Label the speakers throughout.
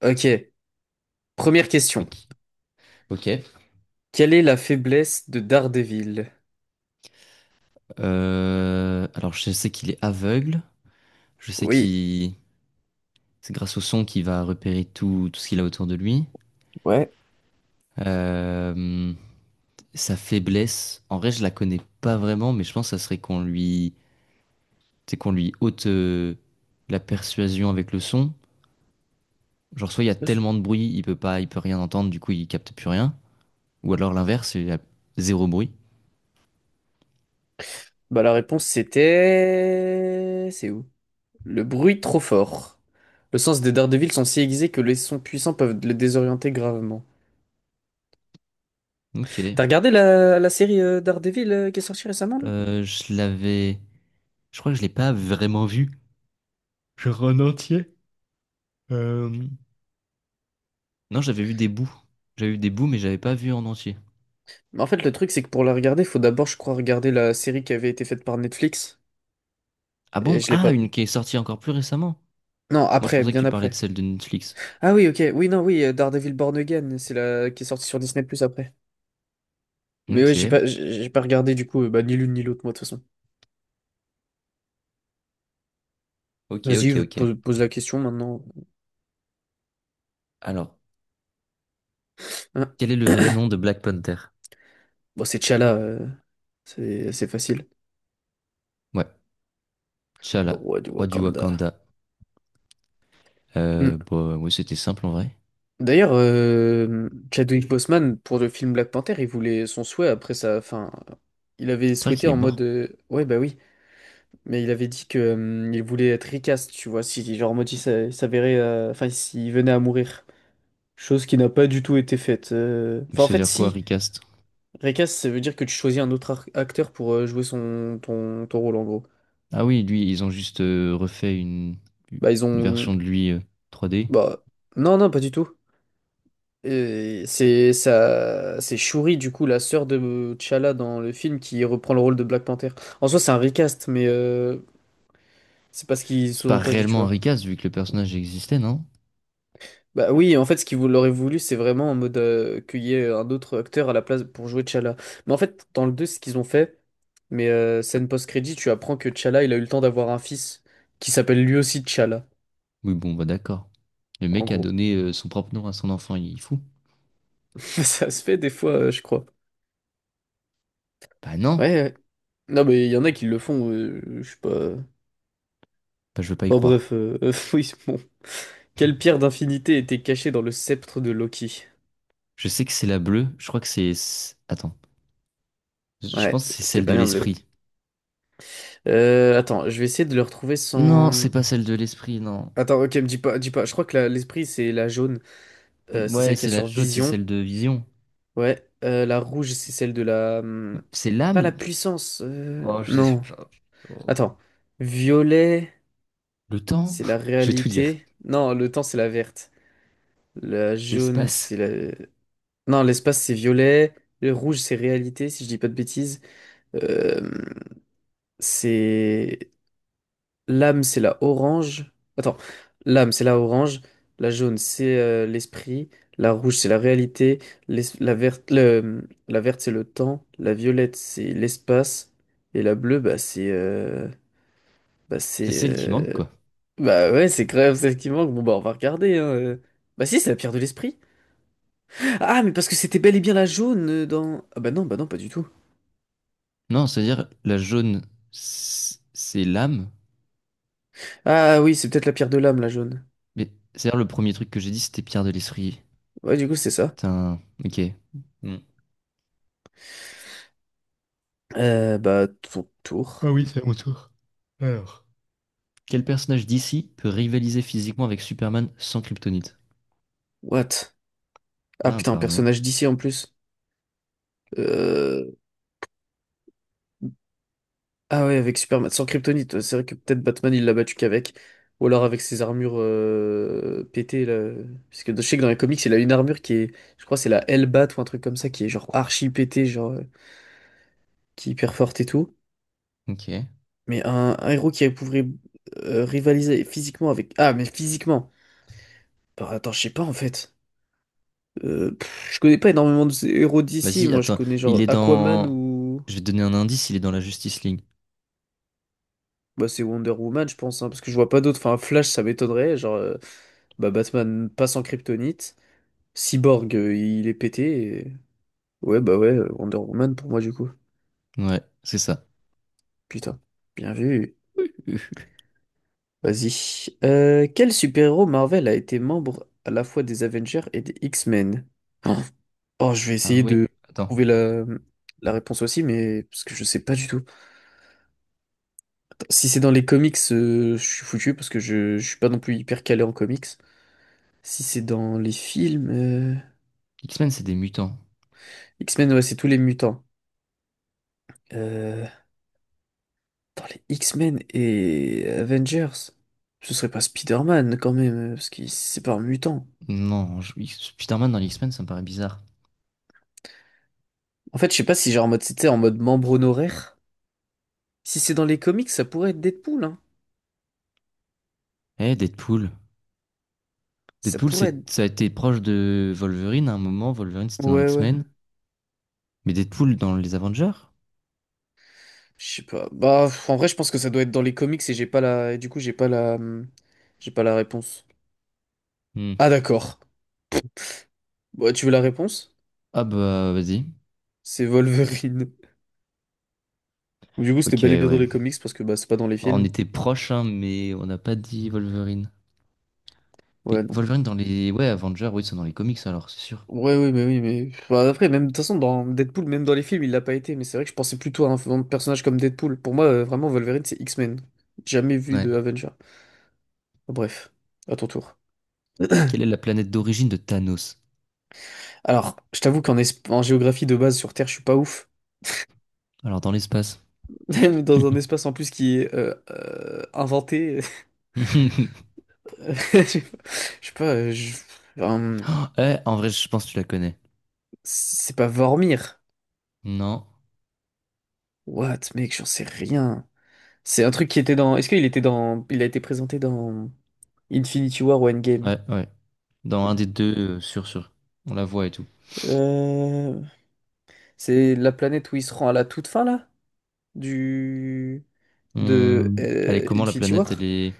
Speaker 1: Ok, première question.
Speaker 2: Ok. Ok.
Speaker 1: Quelle est la faiblesse de Daredevil?
Speaker 2: Alors, je sais qu'il est aveugle. Je sais
Speaker 1: Oui.
Speaker 2: qu'il C'est grâce au son qu'il va repérer tout ce qu'il a autour de lui.
Speaker 1: Ouais.
Speaker 2: Euh, sa faiblesse, en vrai, je la connais pas vraiment, mais je pense que ça serait qu'on lui... C'est qu'on lui ôte la persuasion avec le son. Genre, soit il y a tellement de bruit, il peut rien entendre, du coup, il capte plus rien. Ou alors l'inverse, il y a zéro bruit.
Speaker 1: Bah, la réponse c'était. C'est où? Le bruit trop fort. Le sens des Daredevil sont si aiguisés que les sons puissants peuvent le désorienter gravement.
Speaker 2: Ok.
Speaker 1: T'as regardé la série Daredevil qui est sortie récemment là?
Speaker 2: Je l'avais... Je crois que je l'ai pas vraiment vu. Genre en entier. Euh, Non, j'avais vu des bouts. J'avais vu des bouts, mais j'avais pas vu en entier.
Speaker 1: Mais en fait le truc c'est que pour la regarder, faut d'abord je crois regarder la série qui avait été faite par Netflix.
Speaker 2: Ah
Speaker 1: Et
Speaker 2: bon?
Speaker 1: je l'ai
Speaker 2: Ah,
Speaker 1: pas.
Speaker 2: une qui est sortie encore plus récemment.
Speaker 1: Non,
Speaker 2: Moi, je
Speaker 1: après,
Speaker 2: pensais que
Speaker 1: bien
Speaker 2: tu parlais de
Speaker 1: après.
Speaker 2: celle de Netflix.
Speaker 1: Ah oui, ok, oui, non, oui, Daredevil Born Again, c'est la qui est sortie sur Disney Plus après. Mais ouais, j'ai
Speaker 2: Ok,
Speaker 1: pas, j'ai pas regardé du coup, bah, ni l'une ni l'autre, moi, de toute façon.
Speaker 2: ok,
Speaker 1: Vas-y,
Speaker 2: ok, ok.
Speaker 1: pose la question maintenant.
Speaker 2: Alors,
Speaker 1: Hein.
Speaker 2: quel est le vrai nom de Black Panther?
Speaker 1: Bon, c'est T'Challa, c'est facile.
Speaker 2: Ouais,
Speaker 1: Le
Speaker 2: T'Challa,
Speaker 1: roi du
Speaker 2: roi du
Speaker 1: Wakanda.
Speaker 2: Wakanda. Euh,
Speaker 1: Hmm.
Speaker 2: bah, ouais, c'était simple en vrai.
Speaker 1: D'ailleurs, Chadwick Boseman, pour le film Black Panther, il voulait son souhait après sa fin. Il avait
Speaker 2: C'est vrai
Speaker 1: souhaité
Speaker 2: qu'il est
Speaker 1: en mode.
Speaker 2: mort.
Speaker 1: Ouais, bah oui. Mais il avait dit que, il voulait être recast, tu vois, si, genre, en mode, il s'avérait. Enfin, s'il venait à mourir. Chose qui n'a pas du tout été faite.
Speaker 2: Mais
Speaker 1: Enfin, en
Speaker 2: ça veut
Speaker 1: fait,
Speaker 2: dire quoi,
Speaker 1: si.
Speaker 2: recast?
Speaker 1: Recast, ça veut dire que tu choisis un autre acteur pour jouer son ton rôle en gros.
Speaker 2: Ah oui, lui, ils ont juste refait une,
Speaker 1: Bah ils
Speaker 2: une
Speaker 1: ont,
Speaker 2: version de lui 3D.
Speaker 1: bah, non, non, pas du tout. C'est ça, c'est Shuri du coup, la sœur de T'Challa dans le film, qui reprend le rôle de Black Panther. En soi c'est un recast, mais c'est pas ce qu'ils
Speaker 2: C'est pas
Speaker 1: sous-entendent, tu
Speaker 2: réellement un
Speaker 1: vois.
Speaker 2: recast vu que le personnage existait, non?
Speaker 1: Bah oui en fait ce qu'ils l'auraient voulu, c'est vraiment en mode, qu'il y ait un autre acteur à la place pour jouer T'Challa. Mais en fait dans le 2 ce qu'ils ont fait, mais scène post-crédit, tu apprends que T'Challa, il a eu le temps d'avoir un fils qui s'appelle lui aussi T'Challa.
Speaker 2: Oui, bon, bah d'accord. Le
Speaker 1: En
Speaker 2: mec a
Speaker 1: gros.
Speaker 2: donné son propre nom à son enfant, il est fou.
Speaker 1: Ça se fait des fois, je crois.
Speaker 2: Bah non,
Speaker 1: Ouais, ouais. Non, mais il y en a qui le font, je sais pas.
Speaker 2: bah, je veux pas y
Speaker 1: Bon,
Speaker 2: croire.
Speaker 1: bref, oui, bon. Quelle pierre d'infinité était cachée dans le sceptre de Loki?
Speaker 2: Je sais que c'est la bleue, je crois que c'est... Attends, je
Speaker 1: Ouais,
Speaker 2: pense que c'est
Speaker 1: c'était
Speaker 2: celle de
Speaker 1: bien bleu.
Speaker 2: l'esprit.
Speaker 1: Attends, je vais essayer de le retrouver
Speaker 2: Non,
Speaker 1: sans.
Speaker 2: c'est pas celle de l'esprit, non.
Speaker 1: Attends, ok, me dis pas, dis pas. Je crois que l'esprit, c'est la jaune. C'est
Speaker 2: Ouais,
Speaker 1: celle qui a
Speaker 2: c'est la
Speaker 1: sur
Speaker 2: jaune, c'est
Speaker 1: Vision.
Speaker 2: celle de Vision.
Speaker 1: Ouais, la rouge, c'est celle de la.
Speaker 2: C'est
Speaker 1: Pas la
Speaker 2: l'âme?
Speaker 1: puissance.
Speaker 2: Oh, je sais
Speaker 1: Non.
Speaker 2: pas. Oh.
Speaker 1: Attends. Violet,
Speaker 2: Le temps?
Speaker 1: c'est la
Speaker 2: Je vais tout dire.
Speaker 1: réalité. Non, le temps, c'est la verte. La jaune,
Speaker 2: L'espace.
Speaker 1: c'est la. Non, l'espace, c'est violet. Le rouge, c'est réalité, si je dis pas de bêtises. Euh, c'est. L'âme, c'est la orange. Attends, l'âme, c'est la orange. La jaune, c'est l'esprit. La rouge, c'est la réalité. La verte, la verte, c'est le temps. La violette, c'est l'espace. Et la bleue, bah, c'est. Bah,
Speaker 2: C'est
Speaker 1: c'est.
Speaker 2: celle qui manque, quoi.
Speaker 1: Bah ouais, c'est quand même celle qui manque. Bon, bah, on va regarder, hein. Bah si, c'est la pierre de l'esprit. Ah, mais parce que c'était bel et bien la jaune, dans. Ah bah non, pas du tout.
Speaker 2: Non, c'est-à-dire, la jaune, c'est l'âme.
Speaker 1: Ah oui, c'est peut-être la pierre de l'âme, la jaune.
Speaker 2: Mais c'est-à-dire, le premier truc que j'ai dit, c'était Pierre de l'esprit.
Speaker 1: Ouais, du coup, c'est ça.
Speaker 2: Putain, ok. Hmm.
Speaker 1: Bah, ton
Speaker 2: Ah
Speaker 1: tour.
Speaker 2: oui, c'est à mon tour. Alors. Quel personnage d'ici peut rivaliser physiquement avec Superman sans kryptonite?
Speaker 1: What? Ah
Speaker 2: Non,
Speaker 1: putain, un
Speaker 2: apparemment.
Speaker 1: personnage d'ici en plus. Euh... Ah ouais, avec Superman, sans Kryptonite, ouais, c'est vrai que peut-être Batman, il l'a battu qu'avec. Ou alors avec ses armures, pétées, là. Parce que je sais que dans les comics, il a une armure qui est. Je crois que c'est la Hellbat ou un truc comme ça, qui est genre archi pétée, genre. Qui est hyper forte et tout.
Speaker 2: Ok.
Speaker 1: Mais un héros qui pourrait rivaliser physiquement avec. Ah, mais physiquement. Bah, attends, je sais pas en fait. Pff, je connais pas énormément de ces héros d'ici.
Speaker 2: Vas-y,
Speaker 1: Moi, je
Speaker 2: attends.
Speaker 1: connais
Speaker 2: Il
Speaker 1: genre
Speaker 2: est
Speaker 1: Aquaman
Speaker 2: dans.
Speaker 1: ou.
Speaker 2: Je vais te donner un indice, il est dans la Justice League.
Speaker 1: Bah, c'est Wonder Woman, je pense, hein, parce que je vois pas d'autres. Enfin, Flash, ça m'étonnerait. Genre, bah, Batman passe en kryptonite. Cyborg, il est pété. Ouais, bah ouais, Wonder Woman pour moi, du coup.
Speaker 2: Ouais, c'est ça.
Speaker 1: Putain. Bien vu. Vas-y. Quel super-héros Marvel a été membre à la fois des Avengers et des X-Men? Oh. Oh, je vais
Speaker 2: Ah
Speaker 1: essayer
Speaker 2: oui,
Speaker 1: de
Speaker 2: attends.
Speaker 1: trouver la réponse aussi, mais parce que je sais pas du tout. Si c'est dans les comics, je suis foutu parce que je suis pas non plus hyper calé en comics. Si c'est dans les films,
Speaker 2: X-Men, c'est des mutants.
Speaker 1: X-Men, ouais, c'est tous les mutants. Euh, Dans les X-Men et Avengers, ce serait pas Spider-Man quand même, parce que c'est pas un mutant.
Speaker 2: Non, je- X- Spider-Man dans les X-Men, ça me paraît bizarre.
Speaker 1: En fait, je sais pas si genre en mode c'était en mode membre honoraire. Si c'est dans les comics, ça pourrait être Deadpool, hein.
Speaker 2: Eh, Deadpool.
Speaker 1: Ça
Speaker 2: Deadpool,
Speaker 1: pourrait être.
Speaker 2: ça a été proche de Wolverine à un moment. Wolverine, c'était dans
Speaker 1: Ouais, ouais.
Speaker 2: X-Men. Mais Deadpool dans les Avengers?
Speaker 1: Je sais pas. Bah, en vrai, je pense que ça doit être dans les comics et j'ai pas la. Du coup, j'ai pas la. J'ai pas la réponse.
Speaker 2: Hmm.
Speaker 1: Ah, d'accord. Bah, tu veux la réponse?
Speaker 2: Ah bah, vas-y.
Speaker 1: C'est Wolverine. Du coup, c'était
Speaker 2: Ok,
Speaker 1: bel et bien dans
Speaker 2: ouais.
Speaker 1: les comics parce que bah, c'est pas dans les
Speaker 2: Bon, on
Speaker 1: films.
Speaker 2: était proche, hein, mais on n'a pas dit Wolverine. Mais
Speaker 1: Ouais, non.
Speaker 2: Wolverine dans les... Ouais, Avengers, oui, ils sont dans les comics alors, c'est sûr.
Speaker 1: Ouais, oui, mais oui, mais. Bah, après, même de toute façon, dans Deadpool, même dans les films, il l'a pas été. Mais c'est vrai que je pensais plutôt à un personnage comme Deadpool. Pour moi, vraiment, Wolverine, c'est X-Men. Jamais vu
Speaker 2: Ouais.
Speaker 1: de Avenger. Bref, à ton tour.
Speaker 2: Quelle est la planète d'origine de Thanos?
Speaker 1: Alors, je t'avoue qu'en géographie de base sur Terre, je suis pas ouf.
Speaker 2: Alors, dans l'espace.
Speaker 1: Dans un espace en plus qui est inventé. Je sais pas, je sais pas, hum,
Speaker 2: Oh, eh, en vrai, je pense que tu la connais.
Speaker 1: c'est pas Vormir.
Speaker 2: Non.
Speaker 1: What, mec, j'en sais rien. C'est un truc qui était dans. Est-ce qu'il était dans. Il a été présenté dans Infinity War ou Endgame?
Speaker 2: Ouais, ouais. Dans un des deux, sûr, sûr. On la voit et tout.
Speaker 1: Euh, C'est la planète où il se rend à la toute fin là? Du. De
Speaker 2: Hmm, elle est comment la
Speaker 1: Infinity
Speaker 2: planète? Elle
Speaker 1: War?
Speaker 2: est...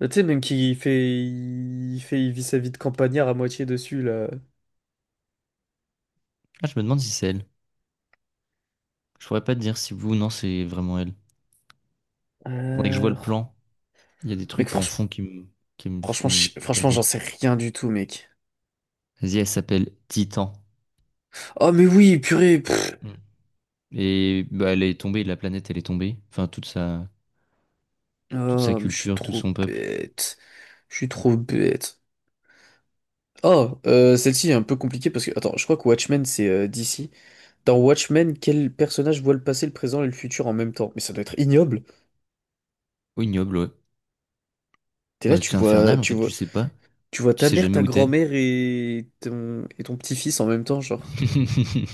Speaker 1: Là, tu sais, même qui fait. Il fait. Il vit sa vie de campagnard à moitié dessus là.
Speaker 2: Ah, je me demande si c'est elle. Je pourrais pas te dire si vous, non, c'est vraiment elle. Faudrait que je vois
Speaker 1: Euh...
Speaker 2: le plan. Il y a des
Speaker 1: Mec,
Speaker 2: trucs en
Speaker 1: franchement.
Speaker 2: fond qui me
Speaker 1: Franchement,
Speaker 2: font
Speaker 1: franchement, j'en
Speaker 2: prédire.
Speaker 1: sais rien du tout, mec.
Speaker 2: Vas-y, elle s'appelle Titan.
Speaker 1: Oh, mais oui, purée. Pff.
Speaker 2: Hmm. Et bah, elle est tombée, la planète, elle est tombée. Toute sa
Speaker 1: Oh, mais je suis
Speaker 2: culture, tout
Speaker 1: trop
Speaker 2: son peuple.
Speaker 1: bête. Je suis trop bête. Oh, celle-ci est un peu compliquée parce que, attends, je crois que Watchmen, c'est DC. Dans Watchmen, quel personnage voit le passé, le présent et le futur en même temps? Mais ça doit être ignoble.
Speaker 2: Oh, ignoble, ouais.
Speaker 1: T'es là,
Speaker 2: Bah,
Speaker 1: tu
Speaker 2: c'est
Speaker 1: vois,
Speaker 2: infernal, en
Speaker 1: tu
Speaker 2: fait,
Speaker 1: vois,
Speaker 2: tu sais pas.
Speaker 1: tu vois
Speaker 2: Tu
Speaker 1: ta
Speaker 2: sais
Speaker 1: mère,
Speaker 2: jamais
Speaker 1: ta
Speaker 2: où t'es.
Speaker 1: grand-mère et ton petit-fils en même temps, genre.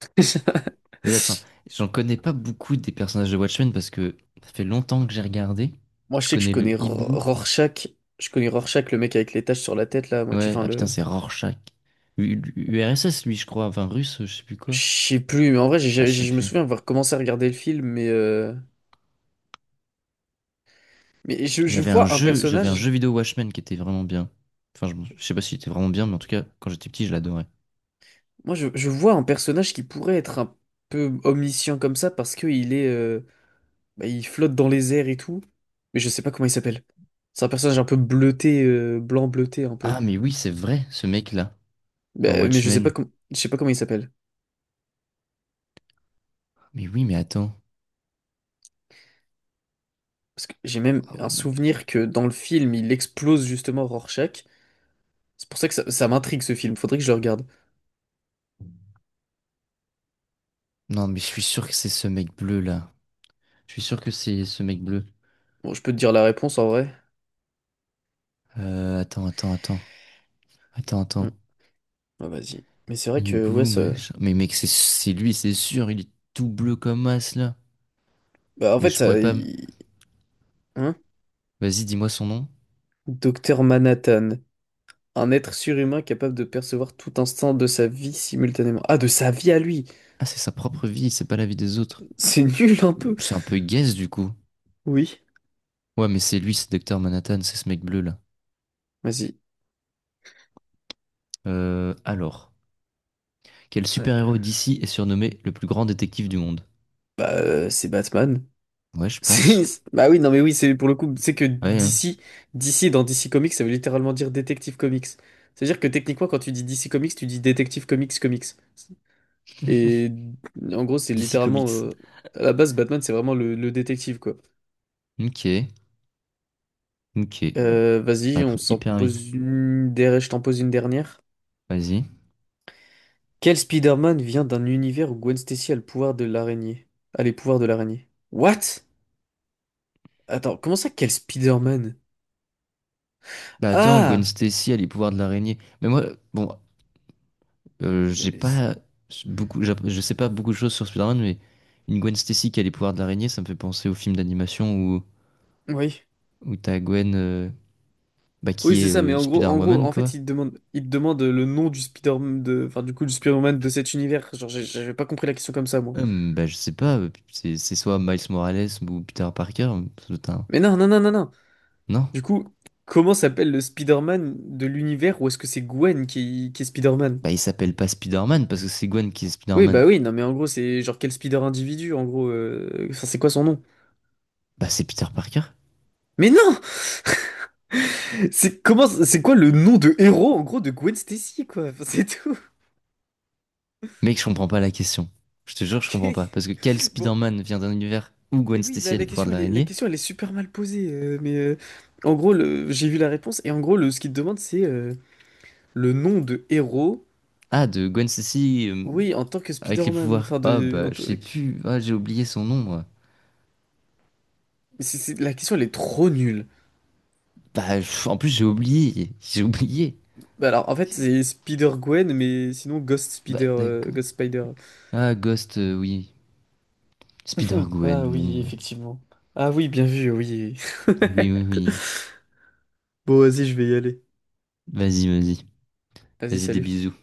Speaker 2: Mais attends, j'en connais pas beaucoup des personnages de Watchmen parce que ça fait longtemps que j'ai regardé.
Speaker 1: Moi, je
Speaker 2: Je
Speaker 1: sais que je
Speaker 2: connais le
Speaker 1: connais
Speaker 2: hibou.
Speaker 1: Rorschach. Je connais Rorschach, le mec avec les taches sur la tête, là. Moi, tu
Speaker 2: Ouais,
Speaker 1: enfin,
Speaker 2: ah
Speaker 1: le.
Speaker 2: putain, c'est Rorschach. URSS, lui, je crois. Enfin, russe, je sais plus
Speaker 1: Je
Speaker 2: quoi.
Speaker 1: sais plus, mais en vrai,
Speaker 2: Ah, je sais
Speaker 1: je me
Speaker 2: plus.
Speaker 1: souviens avoir commencé à regarder le film, mais je
Speaker 2: J'avais un
Speaker 1: vois un
Speaker 2: jeu, j'avais un
Speaker 1: personnage.
Speaker 2: jeu vidéo Watchmen qui était vraiment bien. Enfin, je sais pas s'il était vraiment bien, mais en tout cas, quand j'étais petit, je l'adorais.
Speaker 1: Moi, je vois un personnage qui pourrait être un peu omniscient comme ça parce que il est, bah, il flotte dans les airs et tout. Mais je sais pas comment il s'appelle. C'est un personnage un peu bleuté, blanc bleuté un peu.
Speaker 2: Ah, mais oui, c'est vrai, ce mec-là, dans
Speaker 1: Bah, mais je sais pas
Speaker 2: Watchmen.
Speaker 1: je sais pas comment il s'appelle.
Speaker 2: Mais oui, mais attends.
Speaker 1: Parce que j'ai même
Speaker 2: Ah
Speaker 1: un
Speaker 2: ouais, non, mais.
Speaker 1: souvenir que dans le film, il explose justement Rorschach. C'est pour ça que ça m'intrigue ce film. Faudrait que je le regarde.
Speaker 2: Non, mais je suis sûr que c'est ce mec bleu là. Je suis sûr que c'est ce mec bleu.
Speaker 1: Bon, je peux te dire la réponse en vrai.
Speaker 2: Attends, attends, attends. Attends, attends.
Speaker 1: Ah, vas-y. Mais c'est vrai que, ouais,
Speaker 2: Hibou,
Speaker 1: ça.
Speaker 2: machin. Mais mec, c'est lui, c'est sûr. Il est tout bleu comme as là.
Speaker 1: Bah, en
Speaker 2: Mais
Speaker 1: fait,
Speaker 2: je
Speaker 1: ça.
Speaker 2: pourrais pas. Me-
Speaker 1: Hein?
Speaker 2: Vas-y, dis-moi son nom.
Speaker 1: Docteur Manhattan. Un être surhumain capable de percevoir tout instant de sa vie simultanément. Ah, de sa vie à lui!
Speaker 2: Ah, c'est sa propre vie, c'est pas la vie des autres.
Speaker 1: C'est nul un peu!
Speaker 2: C'est un peu guess du coup.
Speaker 1: Oui.
Speaker 2: Ouais, mais c'est lui, c'est Docteur Manhattan, c'est ce mec bleu là.
Speaker 1: Vas-y.
Speaker 2: Alors. Quel
Speaker 1: Ouais.
Speaker 2: super-héros d'ici est surnommé le plus grand détective du monde?
Speaker 1: Bah, c'est Batman.
Speaker 2: Ouais, je pense.
Speaker 1: Bah oui, non, mais oui, c'est pour le coup, c'est que
Speaker 2: Ouais, hein.
Speaker 1: DC, DC dans DC Comics, ça veut littéralement dire Détective Comics. C'est-à-dire que techniquement, quand tu dis DC Comics, tu dis Détective Comics Comics. Et en gros, c'est
Speaker 2: DC
Speaker 1: littéralement.
Speaker 2: Comics.
Speaker 1: À la base, Batman, c'est vraiment le détective, quoi.
Speaker 2: Ok, ok. On va
Speaker 1: Vas-y, on
Speaker 2: répondre
Speaker 1: s'en
Speaker 2: hyper vite.
Speaker 1: pose une je t'en pose une dernière.
Speaker 2: Vas-y.
Speaker 1: Quel Spider-Man vient d'un univers où Gwen Stacy a le pouvoir de l'araignée? A les pouvoirs de l'araignée. What? Attends, comment ça, quel Spider-Man?
Speaker 2: Bah attends, Gwen
Speaker 1: Ah!
Speaker 2: Stacy a les pouvoirs de l'araignée. Mais moi, bon, j'ai pas beaucoup, je sais pas beaucoup de choses sur Spider-Man, mais une Gwen Stacy qui a les pouvoirs de l'araignée, ça me fait penser au film d'animation
Speaker 1: Oui.
Speaker 2: où t'as Gwen, bah,
Speaker 1: Oui,
Speaker 2: qui
Speaker 1: c'est
Speaker 2: est
Speaker 1: ça, mais en gros,
Speaker 2: Spider-Woman,
Speaker 1: en fait,
Speaker 2: quoi.
Speaker 1: il te demande le nom du spider de, enfin, du coup, du Spider-Man de cet univers. Genre, j'avais pas compris la question comme ça, moi.
Speaker 2: Bah je sais pas, c'est soit Miles Morales ou Peter Parker, putain.
Speaker 1: Mais non, non, non, non, non.
Speaker 2: Non.
Speaker 1: Du coup, comment s'appelle le Spider-Man de l'univers ou est-ce que c'est Gwen qui est Spider-Man?
Speaker 2: Bah il s'appelle pas Spider-Man parce que c'est Gwen qui est
Speaker 1: Oui,
Speaker 2: Spider-Man.
Speaker 1: bah oui, non, mais en gros, c'est genre quel speeder individu, en gros, enfin, c'est quoi son nom?
Speaker 2: Bah c'est Peter Parker.
Speaker 1: Mais non! C'est comment, c'est quoi le nom de héros, en gros, de Gwen Stacy, quoi? Enfin, c'est tout.
Speaker 2: Mec, je comprends pas la question. Je te jure, je comprends pas. Parce que quel
Speaker 1: Bon,
Speaker 2: Spider-Man vient d'un univers où
Speaker 1: mais
Speaker 2: Gwen
Speaker 1: oui, la,
Speaker 2: Stacy a les
Speaker 1: la
Speaker 2: pouvoirs
Speaker 1: question,
Speaker 2: de
Speaker 1: elle est, la
Speaker 2: l'araignée?
Speaker 1: question, elle est super mal posée, mais en gros, j'ai vu la réponse, et en gros, ce qu'il te demande, c'est le nom de héros,
Speaker 2: Ah, de Gwen Stacy
Speaker 1: oui, en tant que
Speaker 2: avec les
Speaker 1: Spider-Man,
Speaker 2: pouvoirs.
Speaker 1: enfin,
Speaker 2: Ah,
Speaker 1: de,
Speaker 2: bah, je sais plus. Ah, j'ai oublié son nom, moi.
Speaker 1: la question, elle est trop nulle.
Speaker 2: Bah, pff, en plus, j'ai oublié. J'ai oublié.
Speaker 1: Bah alors, en fait, c'est Spider-Gwen, mais sinon, Ghost
Speaker 2: Bah,
Speaker 1: Spider,
Speaker 2: d'accord.
Speaker 1: Ghost Spider.
Speaker 2: Ah, Ghost, oui.
Speaker 1: Hmm. Ah
Speaker 2: Spider-Gwen,
Speaker 1: oui,
Speaker 2: bon.
Speaker 1: effectivement. Ah oui, bien vu, oui.
Speaker 2: Ah, oui, oui, oui.
Speaker 1: Bon, vas-y, je vais y aller.
Speaker 2: Vas-y, vas-y.
Speaker 1: Vas-y,
Speaker 2: Vas-y, des
Speaker 1: salut.
Speaker 2: bisous.